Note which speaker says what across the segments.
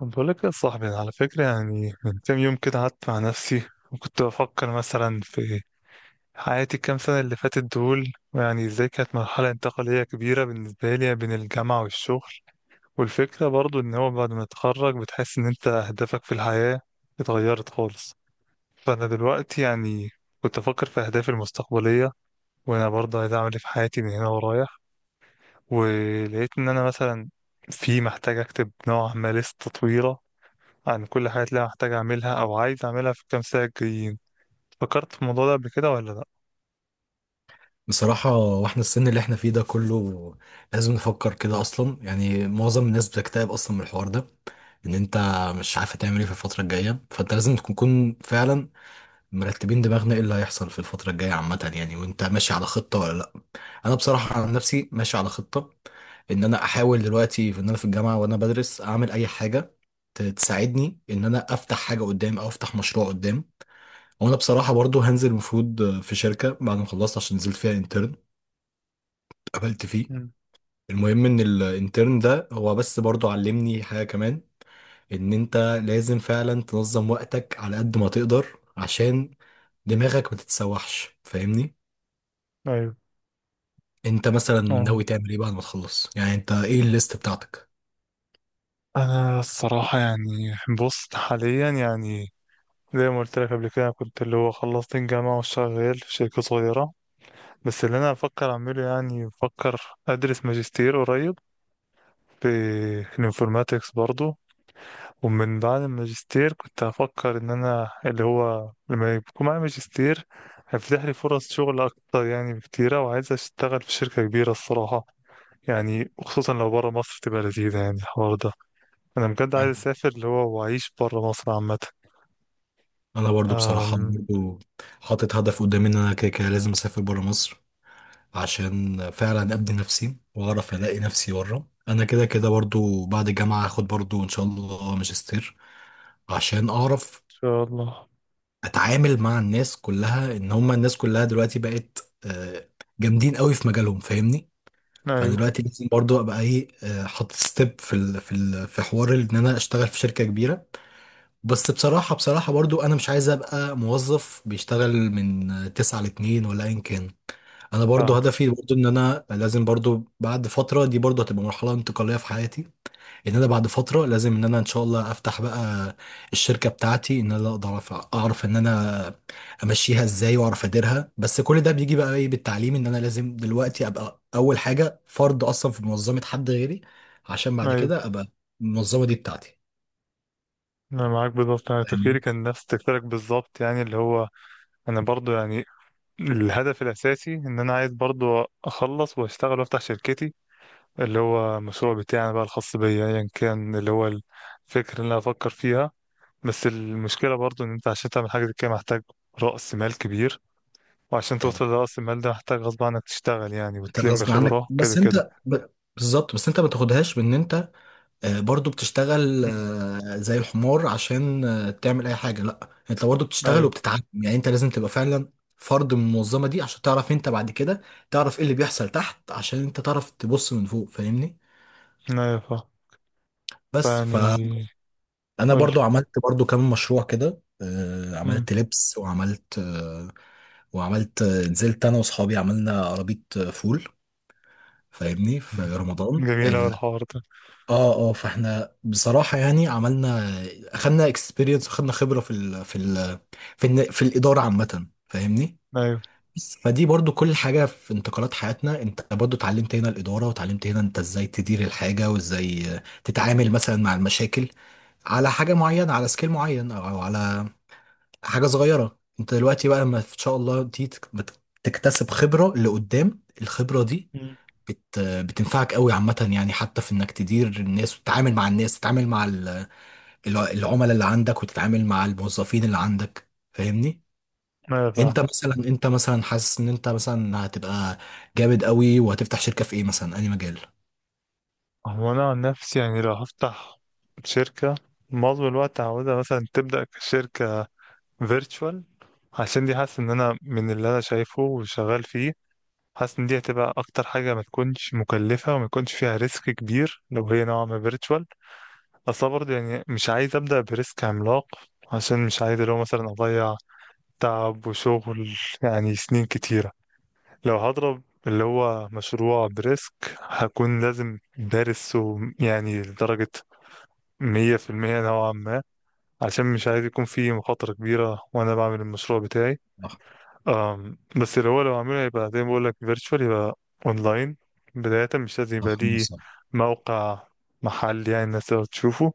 Speaker 1: طب بقول لك يا صاحبي، أنا على فكرة يعني من كام يوم كده قعدت مع نفسي وكنت بفكر مثلا في حياتي الكام سنة اللي فاتت دول، ويعني ازاي كانت مرحلة انتقالية كبيرة بالنسبة لي بين الجامعة والشغل. والفكرة برضو ان هو بعد ما تتخرج بتحس ان انت اهدافك في الحياة اتغيرت خالص. فانا دلوقتي يعني كنت افكر في اهدافي المستقبلية، وانا برضو عايز اعمل ايه في حياتي من هنا ورايح. ولقيت ان انا مثلا في محتاج اكتب نوع ما لستة طويلة عن كل حاجة اللي أنا هحتاج أعملها أو عايز أعملها في الكام ساعة الجايين. فكرت في الموضوع ده قبل كده ولا لأ؟
Speaker 2: بصراحة، واحنا السن اللي احنا فيه ده كله لازم نفكر كده اصلا. يعني معظم الناس بتكتئب اصلا من الحوار ده، ان انت مش عارف تعمل ايه في الفترة الجاية، فانت لازم تكون فعلا مرتبين دماغنا ايه اللي هيحصل في الفترة الجاية عامة، يعني وانت ماشي على خطة ولا لا. انا بصراحة عن نفسي ماشي على خطة، ان انا احاول دلوقتي في ان انا في الجامعة وانا بدرس اعمل اي حاجة تساعدني ان انا افتح حاجة قدام او افتح مشروع قدام. وانا بصراحة برضو هنزل المفروض في شركة بعد ما خلصت، عشان نزلت فيها انترن قابلت فيه.
Speaker 1: مم.
Speaker 2: المهم ان الانترن ده هو بس برضو علمني حاجة كمان، ان انت لازم فعلا تنظم وقتك على قد ما تقدر، عشان دماغك ما تتسوحش، فاهمني؟
Speaker 1: ايوه.
Speaker 2: انت مثلا
Speaker 1: اه،
Speaker 2: ناوي تعمل ايه بعد ما تخلص؟ يعني انت ايه الليست بتاعتك؟
Speaker 1: أنا الصراحة يعني بص حاليا يعني زي ما قلت لك قبل كده، كنت اللي هو خلصت الجامعة وشغال في شركة صغيرة. بس اللي أنا بفكر أعمله يعني بفكر أدرس ماجستير قريب في الانفورماتكس برضو. ومن بعد الماجستير كنت هفكر ان انا اللي هو لما يكون معايا ماجستير هيفتح لي فرص شغل اكتر يعني بكتيرة، وعايز اشتغل في شركة كبيرة الصراحة. يعني وخصوصا لو برا مصر تبقى لذيذة يعني الحوار ده. انا بجد عايز اسافر اللي هو واعيش برا مصر عامة.
Speaker 2: انا
Speaker 1: أم،
Speaker 2: برضو بصراحة
Speaker 1: ان
Speaker 2: برضو حاطط هدف قدامي، ان انا كده كده لازم اسافر برا مصر عشان فعلا ابني نفسي واعرف الاقي نفسي بره. انا كده كده برضو بعد الجامعة هاخد برضو ان شاء الله ماجستير، عشان اعرف
Speaker 1: شاء الله.
Speaker 2: اتعامل مع الناس كلها، ان هم الناس كلها دلوقتي بقت جامدين قوي في مجالهم، فاهمني؟ فانا
Speaker 1: ايوه.
Speaker 2: دلوقتي لازم برضو ابقى ايه، حاطط ستيب في ال في ال في حوار ان انا اشتغل في شركة كبيرة. بس بصراحة برضو انا مش عايز ابقى موظف بيشتغل من تسعة لاتنين ولا ايا كان. انا برضو
Speaker 1: فاهم.
Speaker 2: هدفي برضو ان انا لازم برضو بعد فترة دي برضو هتبقى مرحلة انتقالية في حياتي، ان انا بعد فتره لازم ان انا ان شاء الله افتح بقى الشركه بتاعتي، ان انا اقدر اعرف ان انا امشيها ازاي واعرف اديرها. بس كل ده بيجي بقى ايه بالتعليم، ان انا لازم دلوقتي ابقى اول حاجه فرد اصلا في منظمه حد غيري، عشان بعد
Speaker 1: ايوه،
Speaker 2: كده ابقى المنظمه دي بتاعتي،
Speaker 1: انا معاك بالظبط، انا تفكيري
Speaker 2: فاهمني؟
Speaker 1: كان نفس تفكيرك بالظبط يعني اللي هو انا برضو يعني الهدف الاساسي ان انا عايز برضو اخلص واشتغل وافتح شركتي، اللي هو المشروع بتاعنا بقى الخاص بيا ايا كان، اللي هو الفكرة اللي انا افكر فيها. بس المشكلة برضو ان انت عشان تعمل حاجة زي كده محتاج رأس مال كبير، وعشان توصل
Speaker 2: طبعا.
Speaker 1: لرأس المال ده محتاج غصب عنك تشتغل يعني
Speaker 2: انت
Speaker 1: وتلم
Speaker 2: غصب عنك،
Speaker 1: خبرة كده
Speaker 2: بس
Speaker 1: كده.
Speaker 2: انت بالظبط. بس انت ما تاخدهاش بان انت برضو بتشتغل
Speaker 1: مم.
Speaker 2: زي الحمار عشان تعمل اي حاجه، لا. انت برضو بتشتغل
Speaker 1: ايوه.
Speaker 2: وبتتعلم، يعني انت لازم تبقى فعلا فرد من المنظمه دي، عشان تعرف انت بعد كده تعرف ايه اللي بيحصل تحت، عشان انت تعرف تبص من فوق، فاهمني؟
Speaker 1: ايوه فا
Speaker 2: بس
Speaker 1: فيعني
Speaker 2: فانا
Speaker 1: قول
Speaker 2: برضو
Speaker 1: لي.
Speaker 2: عملت برضو كام مشروع كده. عملت لبس وعملت نزلت انا واصحابي عملنا عربيه فول، فاهمني، في رمضان.
Speaker 1: جميل اوي الحوار ده.
Speaker 2: اه اه، فاحنا بصراحة يعني عملنا، اخدنا اكسبيرينس واخدنا خبرة في ال في ال في, ال في الإدارة عامة، فاهمني؟
Speaker 1: ايوه.
Speaker 2: بس فدي برضو كل حاجة في انتقالات حياتنا. انت برضو اتعلمت هنا الإدارة، وتعلمت هنا انت ازاي تدير الحاجة، وازاي تتعامل مثلا مع المشاكل على حاجة معينة، على سكيل معين، او على حاجة صغيرة. انت دلوقتي بقى لما ان شاء الله دي تكتسب خبرة لقدام، الخبرة دي
Speaker 1: مم.
Speaker 2: بتنفعك قوي عامة، يعني حتى في انك تدير الناس وتتعامل مع الناس، تتعامل مع العملاء اللي عندك، وتتعامل مع الموظفين اللي عندك، فاهمني؟
Speaker 1: ايوه فعلا.
Speaker 2: انت مثلا انت مثلا حاسس ان انت مثلا هتبقى جامد قوي وهتفتح شركة في ايه مثلا، اي مجال؟
Speaker 1: هو انا عن نفسي يعني لو هفتح شركة، معظم الوقت هعوزها مثلا تبدأ كشركة فيرتشوال، عشان دي حاسس ان انا من اللي انا شايفه وشغال فيه، حاسس ان دي هتبقى اكتر حاجه ما تكونش مكلفه وما يكونش فيها ريسك كبير لو هي نوعا ما فيرتشوال. اصلا برضه يعني مش عايز ابدا بريسك عملاق، عشان مش عايز اللي هو مثلا اضيع تعب وشغل يعني سنين كتيره. لو هضرب اللي هو مشروع بريسك هكون لازم دارسه يعني لدرجه 100% نوعا ما، عشان مش عايز يكون فيه مخاطرة كبيرة وأنا بعمل المشروع بتاعي.
Speaker 2: صح،
Speaker 1: أم بس اللي هو لو عامله يبقى زي ما بقول لك فيرتشوال، يبقى اونلاين بداية، مش لازم يبقى
Speaker 2: صح.
Speaker 1: ليه
Speaker 2: صح.
Speaker 1: موقع، محل يعني الناس تقدر تشوفه.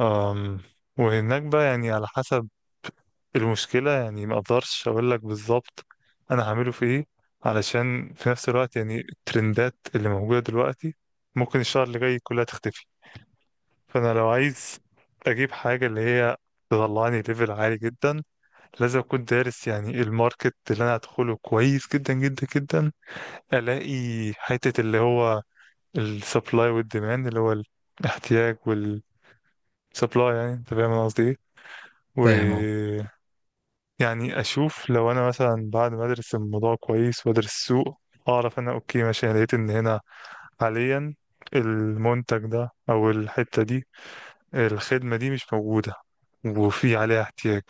Speaker 1: أم وهناك بقى يعني على حسب. المشكلة يعني ما اقدرش اقول لك بالظبط انا هعمله في ايه، علشان في نفس الوقت يعني الترندات اللي موجودة دلوقتي ممكن الشهر اللي جاي كلها تختفي. فانا لو عايز اجيب حاجة اللي هي تطلعني ليفل عالي جدا، لازم اكون دارس يعني الماركت اللي انا هدخله كويس جدا جدا جدا. الاقي حتة اللي هو السبلاي والديماند، اللي هو الاحتياج والسبلاي، يعني انت فاهم انا قصدي ايه.
Speaker 2: فاهم اهو.
Speaker 1: ويعني اشوف لو انا مثلا بعد ما ادرس الموضوع كويس وادرس السوق، اعرف انا اوكي ماشي، انا لقيت ان هنا حاليا المنتج ده او الحتة دي، الخدمة دي مش موجودة وفي عليها احتياج،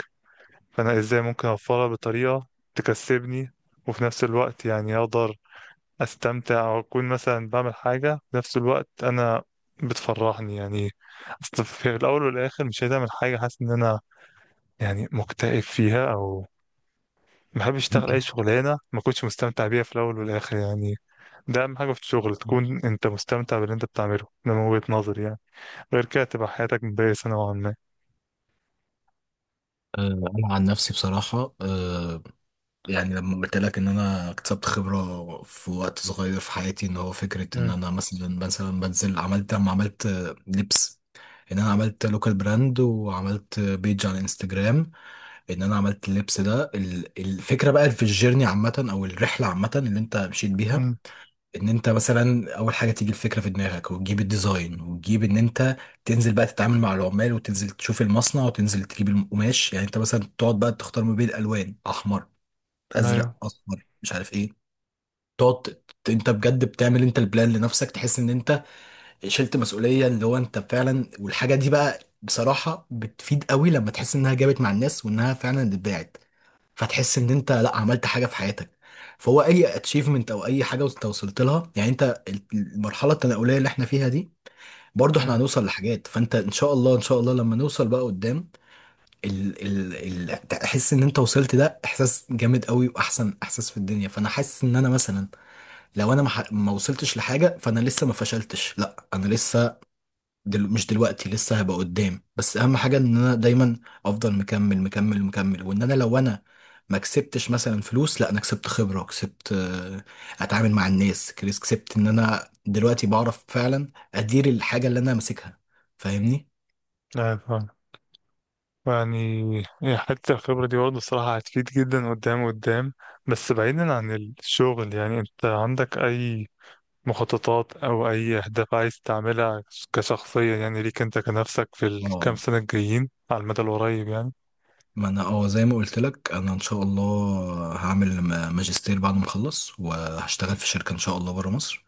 Speaker 1: فانا ازاي ممكن اوفرها بطريقه تكسبني، وفي نفس الوقت يعني اقدر استمتع واكون مثلا بعمل حاجه في نفس الوقت انا بتفرحني يعني. اصل في الاول والاخر مش عايز اعمل حاجه حاسس ان انا يعني مكتئب فيها، او ما بحبش اشتغل اي شغلانه ما كنتش مستمتع بيها في الاول والاخر يعني. ده اهم حاجه في الشغل، تكون انت مستمتع باللي انت بتعمله. ده من وجهه نظري يعني، غير كده تبقى حياتك مبائسه نوعا ما.
Speaker 2: انا عن نفسي بصراحه، يعني لما قلت لك ان انا اكتسبت خبره في وقت صغير في حياتي، ان هو فكره ان
Speaker 1: امم.
Speaker 2: انا مثلا بنزل عملت، لما عملت لبس، ان انا عملت لوكال براند وعملت بيج على انستجرام، ان انا عملت اللبس ده. الفكره بقى في الجيرني عامه، او الرحله عامه اللي انت مشيت بيها،
Speaker 1: امم.
Speaker 2: ان انت مثلا اول حاجه تيجي الفكره في دماغك، وتجيب الديزاين، وتجيب ان انت تنزل بقى تتعامل مع العمال، وتنزل تشوف المصنع، وتنزل تجيب القماش. يعني انت مثلا تقعد بقى تختار ما بين الالوان، احمر
Speaker 1: ايوه.
Speaker 2: ازرق اصفر مش عارف ايه، تقعد انت بجد بتعمل انت البلان لنفسك، تحس ان انت شلت مسؤوليه. اللي هو انت فعلا، والحاجه دي بقى بصراحه بتفيد قوي لما تحس انها جابت مع الناس وانها فعلا اتباعت. فتحس ان انت لا عملت حاجه في حياتك، فهو اي اتشيفمنت او اي حاجه انت وصلت لها. يعني انت المرحله التناوليه اللي احنا فيها دي، برضو احنا
Speaker 1: امم.
Speaker 2: هنوصل لحاجات. فانت ان شاء الله، ان شاء الله لما نوصل بقى قدام، ال ال ال تحس ان انت وصلت، ده احساس جامد قوي واحسن احساس في الدنيا. فانا حاسس ان انا مثلا لو انا ما وصلتش لحاجه، فانا لسه ما فشلتش، لا انا لسه مش دلوقتي، لسه هبقى قدام. بس اهم حاجه ان انا دايما افضل مكمل مكمل مكمل. وان انا لو انا ما كسبتش مثلا فلوس، لا انا كسبت خبره، كسبت اتعامل مع الناس، كسبت ان انا دلوقتي بعرف فعلا ادير الحاجه اللي انا ماسكها، فاهمني؟
Speaker 1: ايوه يعني، هي حتة الخبرة دي برضه الصراحة هتفيد جدا قدام قدام. بس بعيدا عن الشغل، يعني انت عندك أي مخططات أو أي أهداف عايز تعملها كشخصية يعني، ليك انت كنفسك، في الكام
Speaker 2: اه
Speaker 1: سنة الجايين على المدى القريب يعني؟
Speaker 2: ما انا اه زي ما قلت لك، انا ان شاء الله هعمل ماجستير بعد ما اخلص، وهشتغل في شركه ان شاء الله بره مصر.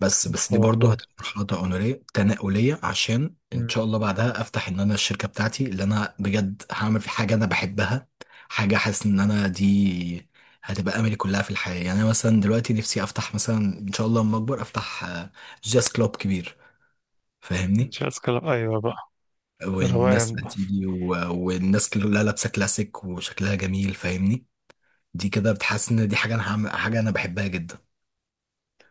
Speaker 2: بس
Speaker 1: إن
Speaker 2: بس دي
Speaker 1: شاء
Speaker 2: برضه
Speaker 1: الله.
Speaker 2: هتبقى مرحله تنقليه تنقليه، عشان ان
Speaker 1: مم.
Speaker 2: شاء الله بعدها افتح ان انا الشركه بتاعتي، اللي انا بجد هعمل في حاجه انا بحبها، حاجه حاسس ان انا دي هتبقى املي كلها في الحياه. يعني انا مثلا دلوقتي نفسي افتح مثلا ان شاء الله لما اكبر افتح جاز كلوب كبير،
Speaker 1: إن
Speaker 2: فاهمني؟
Speaker 1: شاء الله. أيوة بقى،
Speaker 2: والناس
Speaker 1: روقان
Speaker 2: بقى
Speaker 1: بقى.
Speaker 2: تيجي والناس كلها لابسه كلاسيك وشكلها جميل، فاهمني؟ دي كده بتحس ان دي حاجه انا هعمل حاجه انا بحبها جدا.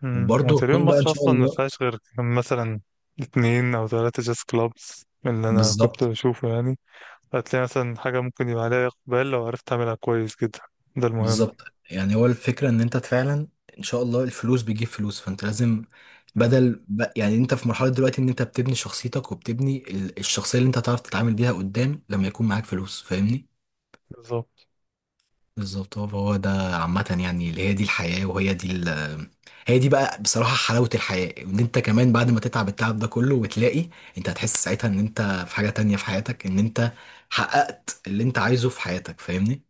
Speaker 1: مم. هو
Speaker 2: وبرضه
Speaker 1: تقريبا
Speaker 2: هكون بقى ان
Speaker 1: مصر
Speaker 2: شاء
Speaker 1: أصلا ما
Speaker 2: الله.
Speaker 1: فيهاش غير مثلا اتنين أو تلاتة جاز كلابس من اللي أنا كنت
Speaker 2: بالظبط.
Speaker 1: بشوفه يعني. هتلاقي مثلا حاجة ممكن يبقى عليها إقبال لو عرفت تعملها كويس جدا، ده المهم.
Speaker 2: بالظبط. يعني هو الفكره ان انت فعلا ان شاء الله الفلوس بتجيب فلوس، فانت لازم
Speaker 1: مم.
Speaker 2: بدل يعني انت في مرحله دلوقتي ان انت بتبني شخصيتك، وبتبني الشخصيه اللي انت هتعرف تتعامل بيها قدام لما يكون معاك فلوس، فاهمني؟
Speaker 1: بالظبط.
Speaker 2: بالظبط، هو هو ده عامة يعني. اللي هي دي الحياة، وهي دي هي دي بقى بصراحة حلاوة الحياة، ان انت كمان بعد ما تتعب التعب ده كله وتلاقي، انت هتحس ساعتها ان انت في حاجة تانية في حياتك، ان انت حققت اللي انت عايزه في حياتك، فاهمني؟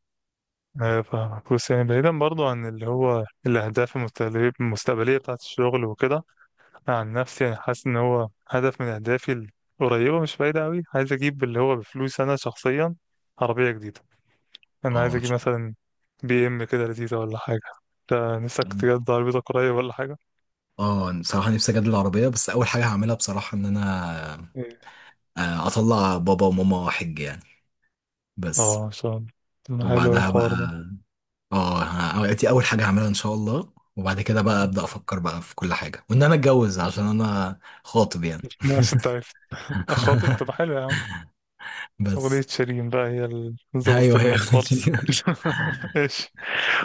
Speaker 1: أيوة فاهمك. بص يعني بعيدا برضو عن اللي هو الأهداف المستقبلية بتاعة الشغل وكده، أنا عن نفسي يعني حاسس إن هو هدف من أهدافي القريبة مش بعيدة أوي، عايز أجيب اللي هو بفلوس أنا شخصيا عربية جديدة. أنا
Speaker 2: اه
Speaker 1: عايز
Speaker 2: أنا
Speaker 1: أجيب
Speaker 2: مش-
Speaker 1: مثلا بي إم كده لذيذة ولا حاجة. أنت نفسك تجد عربيتك قريب ولا حاجة؟
Speaker 2: اه أنا بصراحة نفسي اجدد العربية، بس اول حاجة هعملها بصراحة ان انا
Speaker 1: إيه.
Speaker 2: اطلع بابا وماما حج يعني، بس.
Speaker 1: اه إن شاء الله. طب ما حلو أوي
Speaker 2: وبعدها
Speaker 1: الحوار ده.
Speaker 2: بقى اه دي اول حاجه هعملها ان شاء الله، وبعد كده بقى ابدا افكر بقى في كل حاجه، وان انا اتجوز عشان انا خاطب يعني.
Speaker 1: عشان أنت عارف أخاطب. طب حلو يا عم. أغنية
Speaker 2: بس
Speaker 1: شيرين بقى هي اللي ظبطت
Speaker 2: ايوه هي.
Speaker 1: المود خالص. ايش.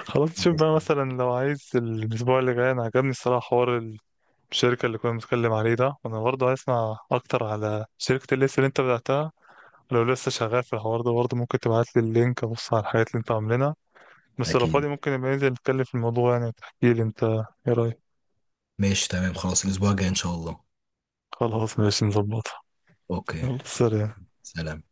Speaker 1: خلاص شوف بقى
Speaker 2: ماشي.
Speaker 1: مثلا لو عايز الأسبوع اللي جاي، أنا عجبني الصراحة حوار الشركة اللي كنا بنتكلم عليه ده، وأنا برضه عايز أسمع أكتر على شركة الليست اللي أنت بدأتها. لو لسه شغال في الحوار ده برضه ممكن تبعت لي اللينك أبص على الحاجات اللي أنت عاملينها. بس لو
Speaker 2: أكيد.
Speaker 1: فاضي ممكن نبقى ننزل نتكلم في الموضوع يعني، وتحكي لي أنت إيه رأيك.
Speaker 2: ماشي، تمام، خلاص الاسبوع الجاي ان شاء الله.
Speaker 1: خلاص ماشي نظبطها.
Speaker 2: اوكي،
Speaker 1: يلا سلام.
Speaker 2: سلام.